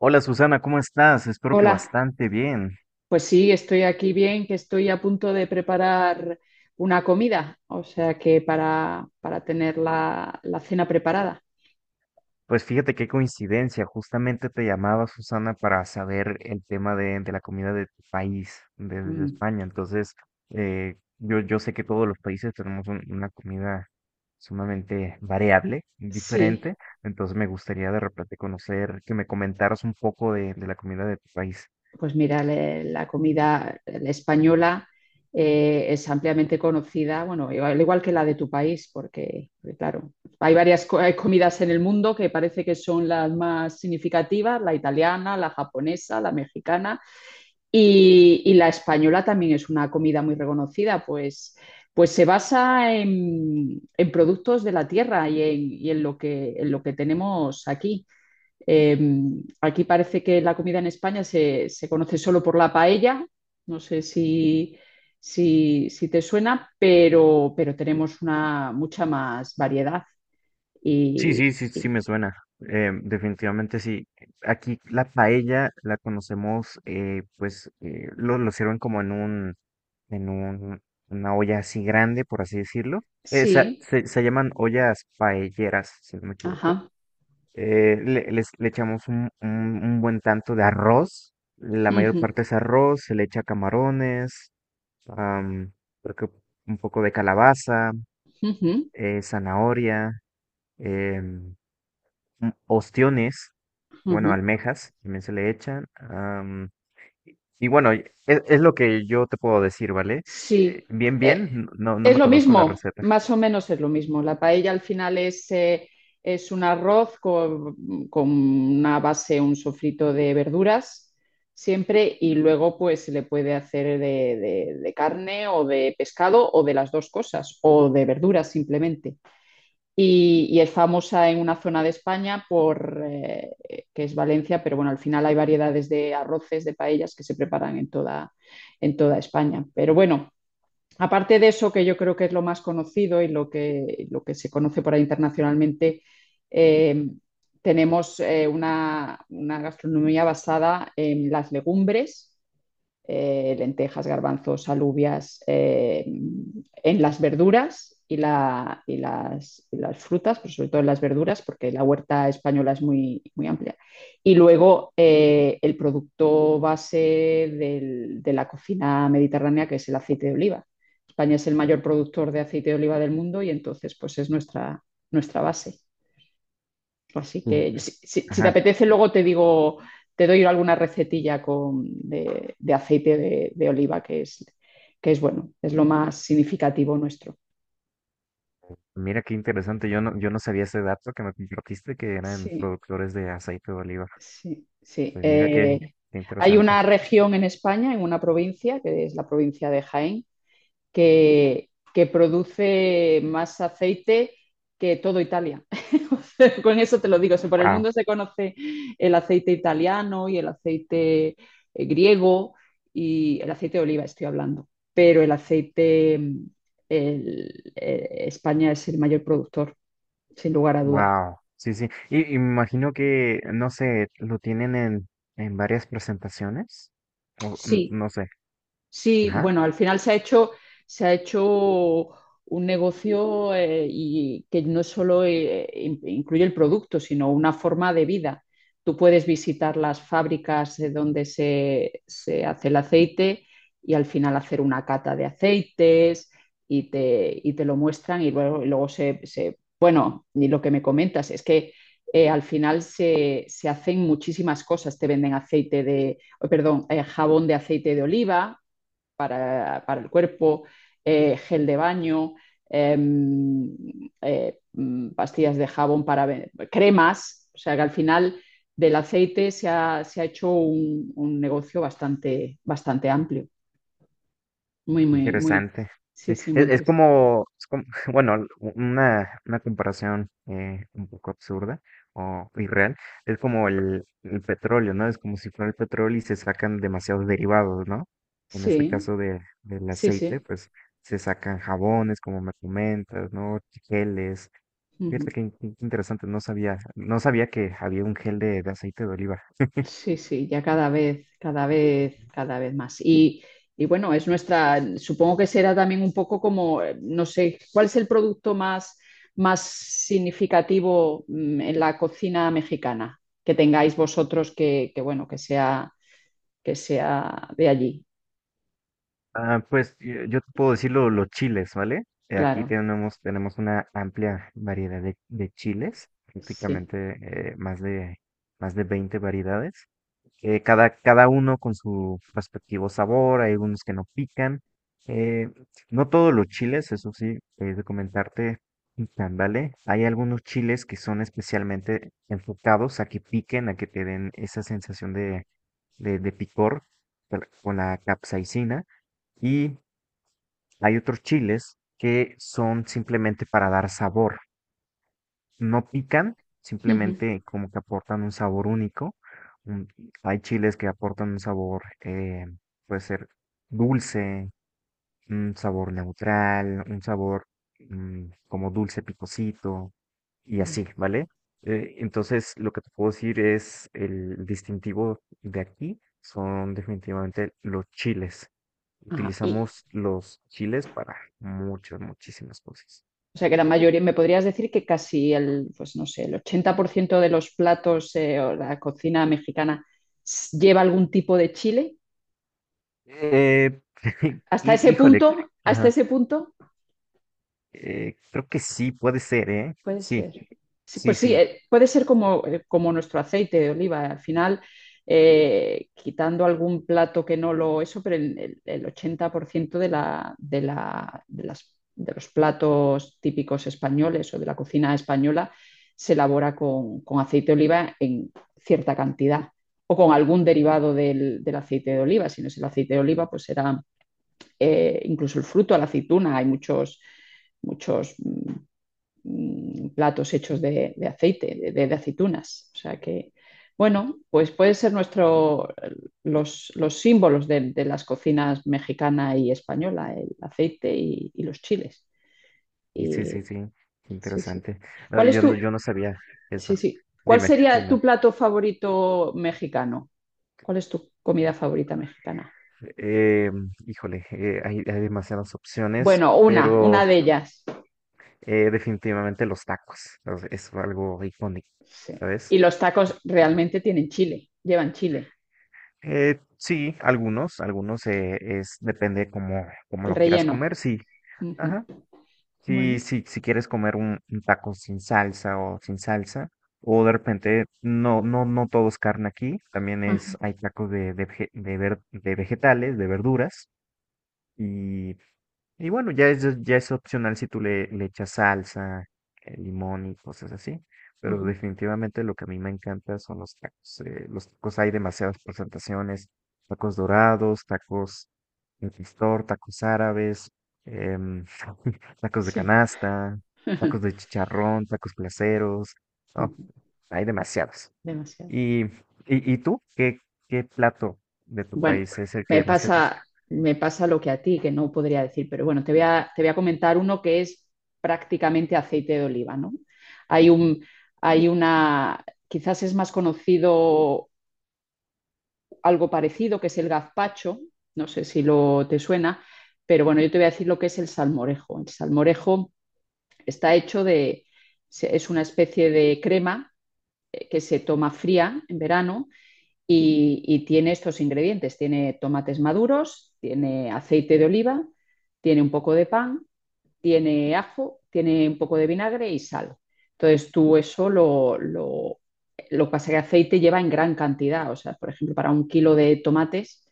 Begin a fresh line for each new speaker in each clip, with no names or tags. Hola Susana, ¿cómo estás? Espero que
Hola,
bastante bien.
pues sí, estoy aquí bien, que estoy a punto de preparar una comida, o sea que para tener la cena preparada.
Pues fíjate qué coincidencia, justamente te llamaba Susana para saber el tema de la comida de tu país, desde
Mm.
España. Entonces, yo sé que todos los países tenemos una comida sumamente variable,
Sí.
diferente. Entonces, me gustaría de repente conocer, que me comentaras un poco de la comida de tu país.
Pues mira, la comida española es ampliamente conocida, bueno, igual, al igual que la de tu país, porque, claro, hay varias comidas en el mundo que parece que son las más significativas, la italiana, la japonesa, la mexicana, y la española también es una comida muy reconocida, pues se basa en productos de la tierra y en lo que, tenemos aquí. Eh, Aquí parece que la comida en España se conoce solo por la paella, no sé si te suena, pero tenemos una mucha más variedad.
Sí, sí,
Y,
sí, sí
y-
me suena. Definitivamente sí. Aquí la paella la conocemos, pues lo sirven como en en un, una olla así grande, por así decirlo. Eh, sa-
sí,
se, se llaman ollas paelleras, si no me equivoco.
ajá.
Le echamos un buen tanto de arroz. La mayor
Ujú,
parte es arroz, se le echa camarones, am, creo que un poco de calabaza,
ujú,
zanahoria. em, Ostiones, bueno,
ujú.
almejas, también se le echan. Y bueno, es lo que yo te puedo decir, ¿vale?
Sí.
Bien,
Eh,
bien, no, no
Es
me
lo
conozco la
mismo,
receta.
más o menos es lo mismo. La paella al final es un arroz con una base, un sofrito de verduras siempre y luego pues se le puede hacer de carne o de pescado o de las dos cosas o de verduras simplemente. Y es famosa en una zona de España que es Valencia, pero bueno, al final hay variedades de arroces, de paellas que se preparan en toda España. Pero bueno, aparte de eso, que yo creo que es lo más conocido y lo que se conoce por ahí internacionalmente, eh, tenemos una gastronomía basada en las legumbres, lentejas, garbanzos, alubias, en las verduras y las frutas, pero sobre todo en las verduras, porque la huerta española es muy, muy amplia. Y luego el producto base de la cocina mediterránea, que es el aceite de oliva. España es el mayor productor de aceite de oliva del mundo y entonces pues es nuestra base. Así
Ujú.
que si te
Ajá.
apetece, luego te digo, te doy alguna recetilla de aceite de oliva, que es bueno, es lo más significativo nuestro.
Mira qué interesante, yo no, yo no sabía ese dato que me compartiste que eran
Sí,
productores de aceite de oliva.
sí, sí.
Pues mira qué, qué
Hay
interesante.
una región en España, en una provincia, que es la provincia de Jaén, que produce más aceite que todo Italia. O sea, con eso te lo digo. O sea, por el
Wow,
mundo se conoce el aceite italiano y el aceite, griego, y el aceite de oliva, estoy hablando. Pero el aceite, España es el mayor productor, sin lugar a dudas.
wow. Sí, sí. Y me imagino que, no sé, lo tienen en varias presentaciones. O,
Sí.
no sé.
Sí,
Ajá.
bueno, al final se ha hecho un negocio, y que no solo incluye el producto, sino una forma de vida. Tú puedes visitar las fábricas donde se hace el aceite y al final hacer una cata de aceites y te lo muestran y luego, Bueno, y lo que me comentas es que, al final se hacen muchísimas cosas. Te venden perdón, jabón de aceite de oliva para el cuerpo, gel de baño, eh, pastillas de jabón para cremas, o sea que al final del aceite se ha hecho un negocio bastante, bastante amplio, muy, muy, muy,
Interesante.
sí,
Sí,
sí, muy
es
interesante.
como, bueno, una comparación un poco absurda o irreal. Es como el petróleo, ¿no? Es como si fuera el petróleo y se sacan demasiados derivados, ¿no? En este
Sí,
caso de, del
sí,
aceite,
sí.
pues se sacan jabones, como me comentas, ¿no? Geles. Fíjate
Ujú.
que, que interesante, no sabía, no sabía que había un gel de aceite de oliva.
Sí, sí, ya cada vez, cada vez, cada vez más. Y bueno, es nuestra, supongo que será también un poco como, no sé, ¿cuál es el producto más, más significativo, en la cocina mexicana que tengáis vosotros que, bueno, que sea de allí?
Ah, pues yo te puedo decir los chiles, ¿vale? Aquí
Claro,
tenemos, tenemos una amplia variedad de chiles,
sí.
prácticamente más de 20 variedades. Cada uno con su respectivo sabor, hay algunos que no pican. eh, no todos los chiles, eso sí, he de comentarte, pican, ¿vale? Hay algunos chiles que son especialmente enfocados a que piquen, a que te den esa sensación de picor con la capsaicina. Y hay otros chiles que son simplemente para dar sabor. No pican,
Ujú.
simplemente como que aportan un sabor único. un- Hay chiles que aportan un sabor, puede ser dulce, un sabor neutral, un sabor como dulce picosito y
Bien.
así, ¿vale? Entonces, lo que te puedo decir es el distintivo de aquí son definitivamente los chiles.
Ajá.
Utilizamos los chiles para muchas, muchísimas cosas.
O sea que la mayoría, me podrías decir que casi el, pues no sé, el 80% de los platos, o la cocina mexicana lleva algún tipo de chile.
Eh,
Hasta ese
híjole,
punto, hasta
ajá,
ese punto.
creo que sí puede ser, ¿eh?
Puede
Sí,
ser. Sí,
sí,
pues sí,
sí.
puede ser como, como nuestro aceite de oliva. Al final, quitando algún plato que no lo eso, pero el 80% de, la, de, la- de las- de los platos típicos españoles o de la cocina española se elabora con aceite de oliva en cierta cantidad o con algún derivado del, del aceite de oliva. Si no es el aceite de oliva, pues será, incluso el fruto, la aceituna. Hay muchos platos hechos de, de aceitunas. O sea que, bueno, pues puede ser nuestro, los símbolos de las cocinas mexicana y española, el aceite y los chiles.
Y sí, sí,
Y,
sí, qué
sí, sí.
interesante. Ah,
¿Cuál es
yo
tu,
no, yo no sabía eso.
sí, sí. ¿Cuál
Dime,
sería
dime.
tu plato favorito mexicano? ¿Cuál es tu comida favorita mexicana?
Eh, híjole, hay, hay demasiadas opciones,
Bueno, una,
pero
una de ellas.
definitivamente los tacos es algo icónico,
Sí. Y
¿sabes?
los tacos realmente tienen chile, llevan chile,
Sí, algunos, algunos es depende cómo, cómo
el
lo quieras
relleno.
comer, sí.
Uh
Ajá.
-huh. Bueno.
Si, si, si quieres comer un taco sin salsa o sin salsa, o de repente, no, no, no todo es carne aquí, también
Ajá.
es, hay tacos de, de vegetales, de verduras, y y bueno, ya es opcional si tú le, le echas salsa, limón y cosas así. Pero
Ajá.
definitivamente lo que a mí me encanta son los tacos. Los tacos hay demasiadas presentaciones. Tacos dorados, tacos de pastor, tacos árabes, em, tacos de
Sí.
canasta, tacos de chicharrón, tacos placeros. No,
Ujú,
hay demasiados.
demasiado.
¿Y, y, y tú? ¿Qué, qué plato de tu
Bueno,
país es el
me
que más te gusta?
pasa, me pasa lo que a ti, que no podría decir, pero bueno, te voy a comentar uno que es prácticamente aceite de oliva, ¿no? Hay un, hay una, quizás es más conocido algo parecido, que es el gazpacho, no sé si lo te suena, pero bueno, yo te voy a decir lo que es el salmorejo. El salmorejo está hecho de, es una especie de crema, que se toma fría en verano, y tiene estos ingredientes. Tiene tomates maduros, tiene aceite de oliva, tiene un poco de pan, tiene ajo, tiene un poco de vinagre y sal. Entonces tú eso lo que pasa es que aceite lleva en gran cantidad. O sea, por ejemplo, para un kilo de tomates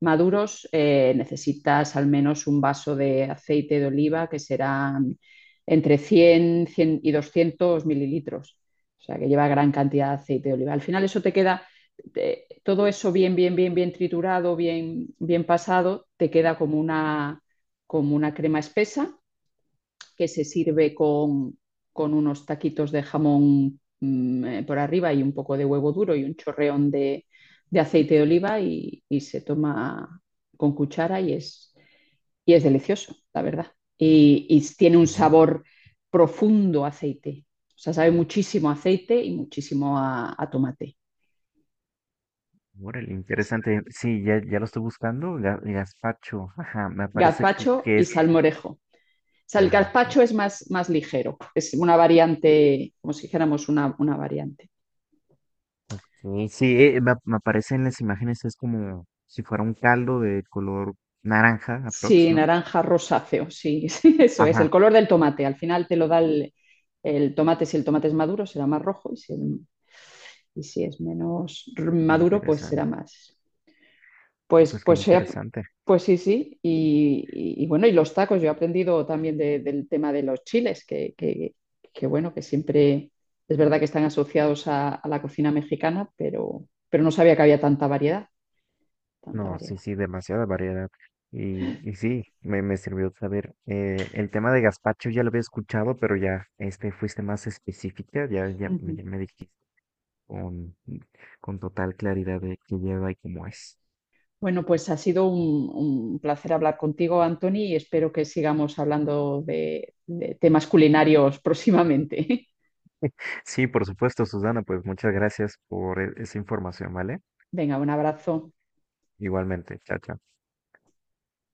maduros, necesitas al menos un vaso de aceite de oliva, que será entre cien y 200 mililitros. O sea, que lleva gran cantidad de aceite de oliva. Al final eso todo eso bien, bien, bien, bien triturado, bien, bien pasado, te queda como una crema espesa que se sirve con unos taquitos de jamón, por arriba, y un poco de huevo duro y un chorreón de aceite de oliva y se toma con cuchara y es delicioso, la verdad. Y tiene un sabor profundo a aceite. O sea, sabe muchísimo a aceite y muchísimo a tomate.
Órale,
Así.
interesante. Sí, ya, ya lo estoy buscando. Gazpacho. Ajá, me parece
Gazpacho
que
y
es.
salmorejo. O sea, el
Ah, ok.
gazpacho es más, más ligero, es una variante, como si dijéramos una variante.
Ok, sí, me, me aparece en las imágenes, es como si fuera un caldo de color naranja,
Sí,
aprox, ¿no?
naranja rosáceo, sí, sí, eso es, el
Ajá,
color del tomate. Al final te lo da el tomate, si el tomate es maduro será más rojo, y si, y si es menos maduro, pues será
interesante.
más. Pues,
Pues qué
pues, sea-
interesante.
pues sí, sí. Y bueno, y los tacos, yo he aprendido también del tema de los chiles, que bueno, que siempre es verdad que están asociados a la cocina mexicana, pero no sabía que había tanta variedad, tanta
No, sí,
variedad.
sí, demasiada variedad. Y sí, me sirvió saber. El tema de gazpacho ya lo había escuchado, pero ya este fuiste más específica, ya, ya, ya me dijiste. con, con total claridad de qué lleva y cómo es.
Bueno, pues ha sido un placer hablar contigo, Anthony, y espero que sigamos hablando de temas culinarios próximamente.
Sí, por supuesto, Susana, pues muchas gracias por esa información, ¿vale?
Venga, un abrazo.
Igualmente, chao, chao.